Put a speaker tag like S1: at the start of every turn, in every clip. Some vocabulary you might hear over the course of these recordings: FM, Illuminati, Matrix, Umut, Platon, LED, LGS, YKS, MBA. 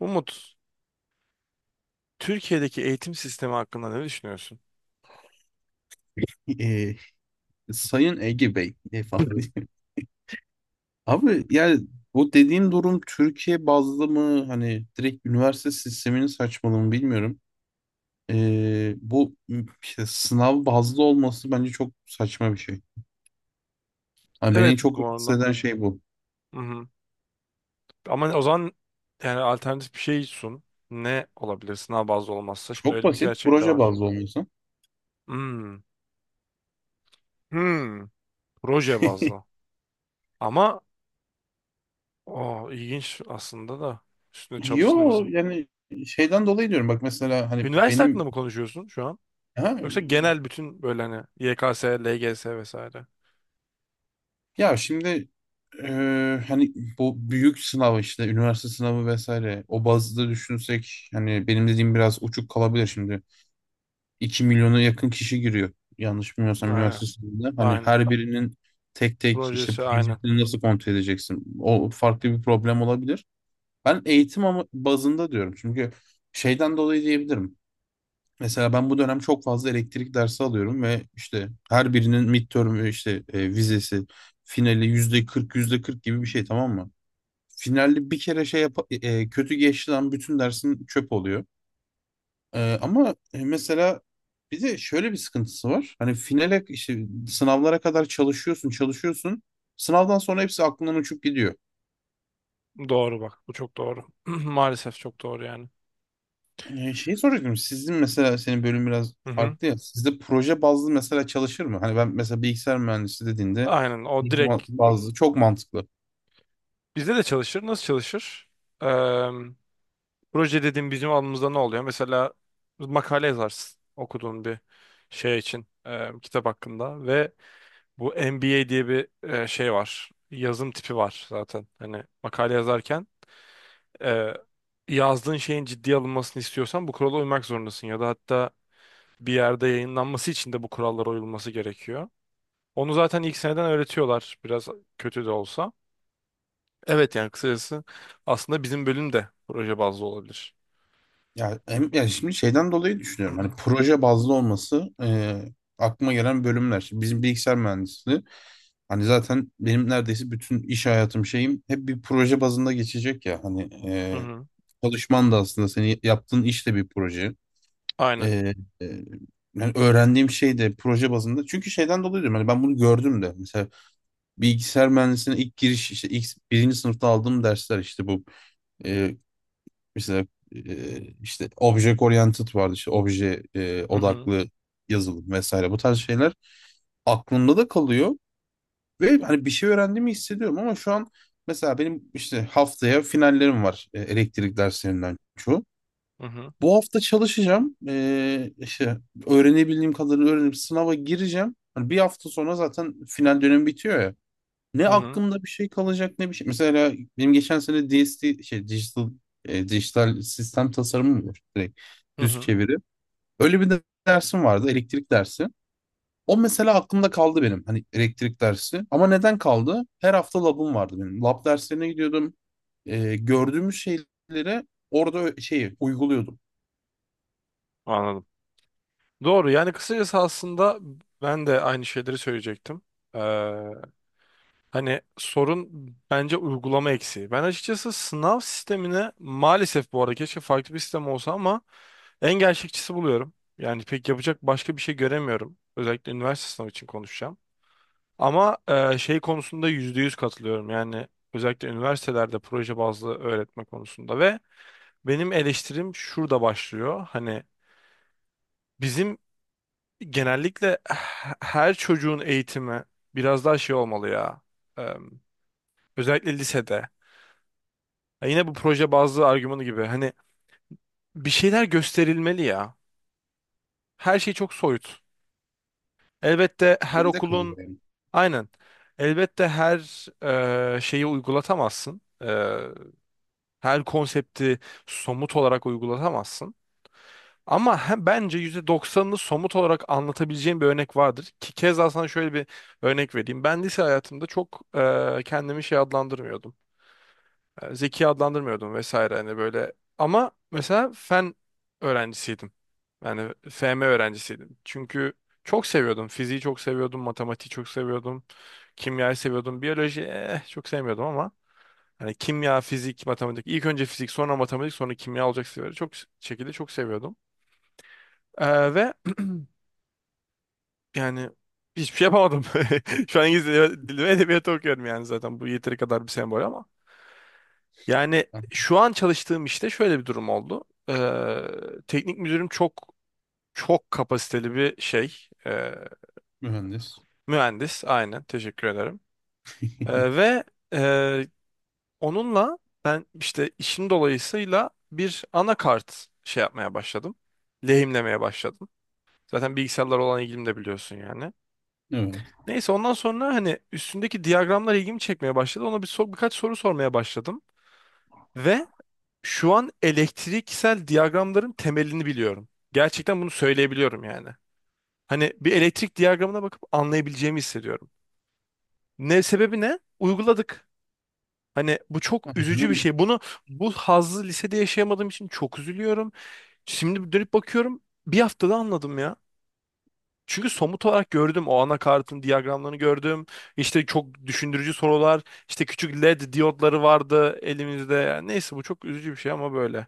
S1: Umut, Türkiye'deki eğitim sistemi hakkında ne düşünüyorsun?
S2: E, Sayın Ege Bey falan diye. Abi, yani bu dediğin durum Türkiye bazlı mı, hani direkt üniversite sisteminin saçmalığı mı bilmiyorum. Bu işte sınav bazlı olması bence çok saçma bir şey. Hani beni en
S1: Evet,
S2: çok
S1: bu
S2: rahatsız
S1: arada.
S2: eden şey bu.
S1: Hı hı. Ama o zaman yani alternatif bir şey sun. Ne olabilir sınav bazlı olmazsa? Şimdi
S2: Çok
S1: öyle bir
S2: basit,
S1: gerçek de
S2: proje
S1: var.
S2: bazlı olması.
S1: Hmm. Hmm. Proje bazlı. Ama o ilginç aslında da üstüne
S2: Yo,
S1: çalışılması.
S2: yani şeyden dolayı diyorum, bak mesela hani
S1: Üniversite hakkında
S2: benim
S1: mı konuşuyorsun şu an?
S2: ha,
S1: Yoksa genel bütün böyle hani YKS, LGS vesaire.
S2: ya şimdi hani bu büyük sınav, işte üniversite sınavı vesaire, o bazda düşünsek hani benim dediğim biraz uçuk kalabilir şimdi. İki milyona yakın kişi giriyor yanlış bilmiyorsam
S1: Aynen.
S2: üniversite sınavında. Hani
S1: Aynen.
S2: her birinin tek tek işte
S1: Projesi aynen.
S2: projesini nasıl kontrol edeceksin? O farklı bir problem olabilir. Ben eğitim ama bazında diyorum, çünkü şeyden dolayı diyebilirim. Mesela ben bu dönem çok fazla elektrik dersi alıyorum ve işte her birinin midterm, işte vizesi, finali yüzde 40 yüzde 40 gibi bir şey, tamam mı? Finalde bir kere şey yap, kötü geçti lan, bütün dersin çöp oluyor. Ama mesela bir de şöyle bir sıkıntısı var. Hani finale, işte sınavlara kadar çalışıyorsun. Sınavdan sonra hepsi aklından uçup gidiyor.
S1: Doğru bak. Bu çok doğru. Maalesef çok doğru yani.
S2: Şey soracaktım. Sizin mesela, senin bölüm biraz
S1: Hı hı.
S2: farklı ya. Sizde proje bazlı mesela çalışır mı? Hani ben mesela bilgisayar mühendisi dediğinde
S1: Aynen. O
S2: proje
S1: direkt
S2: bazlı çok mantıklı.
S1: bizde de çalışır. Nasıl çalışır? Proje dediğim bizim alımızda ne oluyor? Mesela makale yazarsın okuduğun bir şey için kitap hakkında ve bu MBA diye bir şey var. Yazım tipi var zaten. Hani makale yazarken e, yazdığın şeyin ciddiye alınmasını istiyorsan bu kurala uymak zorundasın ya da hatta bir yerde yayınlanması için de bu kurallara uyulması gerekiyor. Onu zaten ilk seneden öğretiyorlar, biraz kötü de olsa. Evet, yani kısacası aslında bizim bölüm de proje bazlı olabilir.
S2: Ya hem yani, şimdi şeyden dolayı düşünüyorum. Hani proje bazlı olması, aklıma gelen bölümler. Şimdi bizim bilgisayar mühendisliği, hani zaten benim neredeyse bütün iş hayatım, şeyim, hep bir proje bazında geçecek ya. Hani
S1: Hı
S2: e,
S1: hı.
S2: çalışman da, aslında seni yaptığın iş de bir proje.
S1: Aynen.
S2: Ee, e, Yani öğrendiğim şey de proje bazında. Çünkü şeyden dolayı diyorum. Hani ben bunu gördüm de. Mesela bilgisayar mühendisliğine ilk giriş, işte ilk birinci sınıfta aldığım dersler, işte bu, e, mesela, işte object oriented vardı, işte obje
S1: Hı hı.
S2: odaklı yazılım vesaire, bu tarz şeyler aklımda da kalıyor ve hani bir şey öğrendiğimi hissediyorum. Ama şu an mesela benim işte haftaya finallerim var, elektrik derslerinden çoğu.
S1: Hı hı,
S2: Bu hafta çalışacağım. İşte öğrenebildiğim kadarını öğrenip sınava gireceğim. Hani bir hafta sonra zaten final dönemi bitiyor ya. Ne
S1: hı hı,
S2: aklımda bir şey kalacak, ne bir şey. Mesela benim geçen sene DST, şey, dijital sistem tasarımı mı var? Direkt
S1: hı
S2: düz
S1: hı.
S2: çeviri. Öyle bir de dersim vardı, elektrik dersi. O mesela aklımda kaldı benim, hani elektrik dersi. Ama neden kaldı? Her hafta labım vardı benim. Lab derslerine gidiyordum. Gördüğümüz şeylere orada şeyi uyguluyordum.
S1: Anladım. Doğru yani kısacası aslında ben de aynı şeyleri söyleyecektim. Ee, Hani sorun bence uygulama eksiği. Ben açıkçası sınav sistemine maalesef, bu arada keşke farklı bir sistem olsa ama en gerçekçisi buluyorum. Yani pek yapacak başka bir şey göremiyorum. Özellikle üniversite sınavı için konuşacağım. Ama şey konusunda %100 katılıyorum. Yani özellikle üniversitelerde proje bazlı öğretme konusunda ve benim eleştirim şurada başlıyor. Hani bizim genellikle her çocuğun eğitimi biraz daha şey olmalı ya. Eee, Özellikle lisede. Ya yine bu proje bazlı argümanı gibi. Hani bir şeyler gösterilmeli ya. Her şey çok soyut. Elbette her
S2: Teoride kalıyor
S1: okulun
S2: yani.
S1: aynen. Elbette her şeyi uygulatamazsın. Her konsepti somut olarak uygulatamazsın. Ama bence yüzde doksanını somut olarak anlatabileceğim bir örnek vardır. Ki keza sana şöyle bir örnek vereyim. Ben lise hayatımda çok kendimi şey adlandırmıyordum. Zeki adlandırmıyordum vesaire hani böyle. Ama mesela fen öğrencisiydim. Yani FM öğrencisiydim. Çünkü çok seviyordum. Fiziği çok seviyordum, matematiği çok seviyordum, kimyayı seviyordum, biyoloji çok sevmiyordum ama hani kimya, fizik, matematik, ilk önce fizik, sonra matematik, sonra kimya olacak seviyorum. Çok şekilde çok seviyordum. Ve yani hiçbir şey yapamadım. Şu an İngiliz dili ve edebiyatı okuyorum yani zaten bu yeteri kadar bir sembol ama. Yani
S2: Ha,
S1: şu an çalıştığım işte şöyle bir durum oldu. Teknik müdürüm çok kapasiteli bir şey. Ee,
S2: mühendis.
S1: Mühendis, aynen, teşekkür ederim. Ee, ve e, Onunla ben işte işim dolayısıyla bir anakart şey yapmaya başladım. Lehimlemeye başladım. Zaten bilgisayarlar olan ilgim de biliyorsun yani.
S2: Evet.
S1: Neyse ondan sonra hani üstündeki diyagramlar ilgimi çekmeye başladı. Ona bir birkaç soru sormaya başladım. Ve şu an elektriksel diyagramların temelini biliyorum. Gerçekten bunu söyleyebiliyorum yani. Hani bir elektrik diyagramına bakıp anlayabileceğimi hissediyorum. Ne sebebi ne? Uyguladık. Hani bu çok
S2: Aynen
S1: üzücü bir
S2: öyle.
S1: şey. Bunu, bu hazzı lisede yaşayamadığım için çok üzülüyorum. Şimdi dönüp bakıyorum. Bir haftada anladım ya. Çünkü somut olarak gördüm, o anakartın diyagramlarını gördüm. İşte çok düşündürücü sorular, işte küçük LED diyotları vardı elimizde. Yani neyse bu çok üzücü bir şey ama böyle.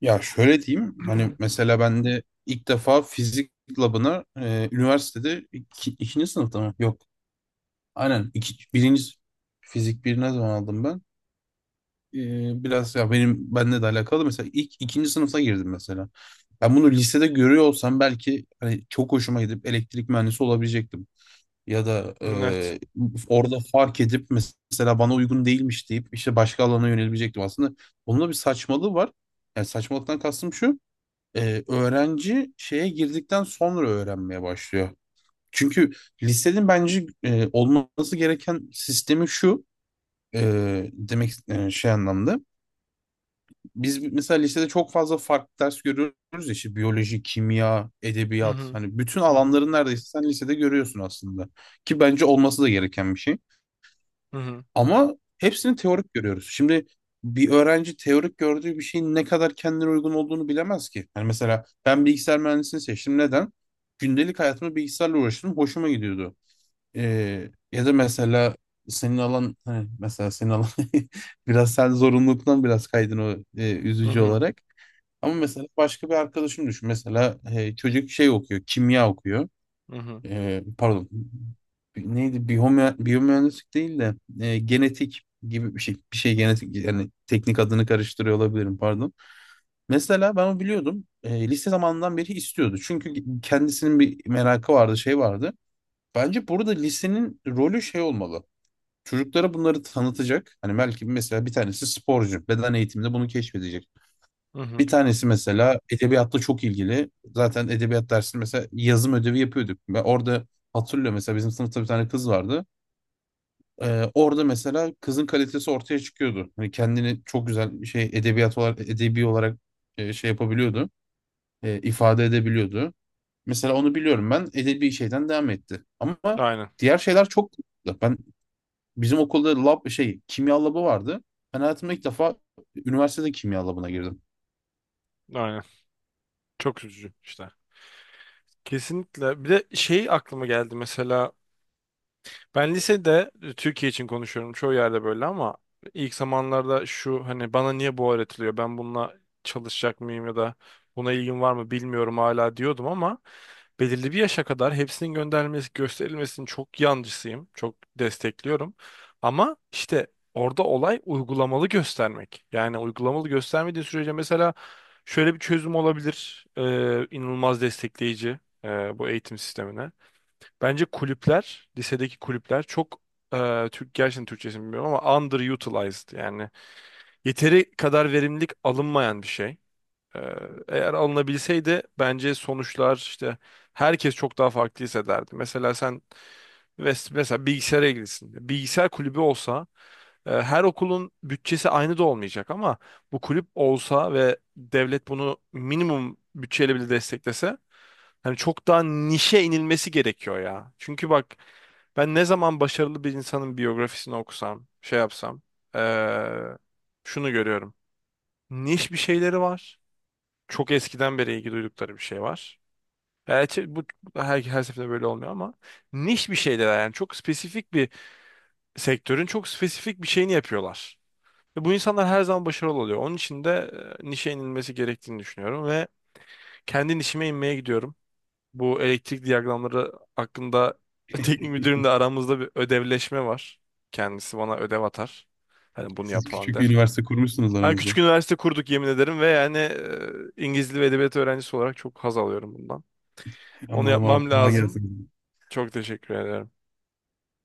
S2: Ya şöyle diyeyim, hani mesela ben de ilk defa fizik labına üniversitede ikinci sınıfta mı? Yok. Aynen. Fizik bir ne zaman aldım ben? E, biraz ya benim, benle de alakalı, mesela ilk ikinci sınıfta girdim mesela. Ben bunu lisede görüyor olsam belki hani çok hoşuma gidip elektrik mühendisi olabilecektim. Ya da
S1: Evet.
S2: orada fark edip mesela bana uygun değilmiş deyip işte başka alana yönelebilecektim. Aslında bunun da bir saçmalığı var. Yani saçmalıktan kastım şu: öğrenci şeye girdikten sonra öğrenmeye başlıyor. Çünkü lisenin bence olması gereken sistemi şu. Demek şey anlamda. Biz mesela lisede çok fazla farklı ders görüyoruz ya, işte biyoloji, kimya,
S1: Hı
S2: edebiyat,
S1: hı,
S2: hani bütün
S1: hı hı,
S2: alanların neredeyse sen lisede görüyorsun aslında. Ki bence olması da gereken bir şey.
S1: hı hı,
S2: Ama hepsini teorik görüyoruz. Şimdi bir öğrenci teorik gördüğü bir şeyin ne kadar kendine uygun olduğunu bilemez ki. Yani mesela ben bilgisayar mühendisliğini seçtim. Neden? Gündelik hayatımda bilgisayarla uğraştım, hoşuma gidiyordu. Ya da mesela senin alan, hani mesela senin alan, biraz sen zorunluluktan biraz kaydın o,
S1: hı
S2: üzücü
S1: hı,
S2: olarak. Ama mesela başka bir arkadaşım düşün. Mesela çocuk şey okuyor, kimya okuyor,
S1: hı hı,
S2: pardon, neydi, biyomühendislik değil de genetik gibi bir şey, genetik yani, teknik adını karıştırıyor olabilirim, pardon. Mesela ben onu biliyordum. Lise zamanından beri istiyordu. Çünkü kendisinin bir merakı vardı, şey vardı. Bence burada lisenin rolü şey olmalı. Çocuklara bunları tanıtacak. Hani belki mesela bir tanesi sporcu, beden eğitiminde bunu keşfedecek.
S1: hı
S2: Bir
S1: hı.
S2: tanesi mesela edebiyatla çok ilgili. Zaten edebiyat dersinde mesela yazım ödevi yapıyorduk. Ve orada hatırlıyorum, mesela bizim sınıfta bir tane kız vardı. Orada mesela kızın kalitesi ortaya çıkıyordu. Hani kendini çok güzel şey, edebiyat olarak, edebi olarak şey yapabiliyordu, ifade edebiliyordu. Mesela onu biliyorum, ben edebi şeyden devam etti. Ama
S1: Aynen,
S2: diğer şeyler çok, ben bizim okulda lab, şey, kimya labı vardı. Ben hayatımda ilk defa üniversitede kimya labına girdim.
S1: aynen. Çok üzücü işte. Kesinlikle. Bir de şey aklıma geldi. Mesela ben lisede, Türkiye için konuşuyorum çoğu yerde böyle ama, ilk zamanlarda şu hani bana niye bu öğretiliyor, ben bununla çalışacak mıyım ya da buna ilgim var mı bilmiyorum hala diyordum ama belirli bir yaşa kadar hepsinin gönderilmesi gösterilmesinin çok yancısıyım, çok destekliyorum ama işte orada olay uygulamalı göstermek, yani uygulamalı göstermediği sürece mesela şöyle bir çözüm olabilir. İnanılmaz destekleyici bu eğitim sistemine. Bence kulüpler, lisedeki kulüpler çok Türk, gerçekten Türkçesini bilmiyorum ama underutilized, yani yeteri kadar verimlilik alınmayan bir şey. Ee, Eğer alınabilseydi bence sonuçlar, işte herkes çok daha farklı hissederdi. Mesela sen mesela bilgisayara ilgilisin. Bilgisayar kulübü olsa, her okulun bütçesi aynı da olmayacak ama bu kulüp olsa ve devlet bunu minimum bütçeyle bile desteklese, hani çok daha nişe inilmesi gerekiyor ya. Çünkü bak, ben ne zaman başarılı bir insanın biyografisini okusam, şey yapsam, e, şunu görüyorum. Niş bir şeyleri var, çok eskiden beri ilgi duydukları bir şey var. Gerçi bu her seferinde böyle olmuyor ama niş bir şeyler, yani çok spesifik bir sektörün çok spesifik bir şeyini yapıyorlar. Ve bu insanlar her zaman başarılı oluyor. Onun için de nişe inilmesi gerektiğini düşünüyorum ve kendi nişime inmeye gidiyorum. Bu elektrik diyagramları hakkında teknik müdürümle aramızda bir ödevleşme var. Kendisi bana ödev atar. Hani bunu yap
S2: Siz
S1: falan
S2: küçük bir
S1: der.
S2: üniversite kurmuşsunuz
S1: Yani
S2: aranızda.
S1: küçük üniversite kurduk, yemin ederim, ve yani İngiliz Dili ve Edebiyatı öğrencisi olarak çok haz alıyorum bundan. Onu
S2: Anladım abi,
S1: yapmam
S2: kolay
S1: lazım.
S2: gelsin.
S1: Çok teşekkür ederim.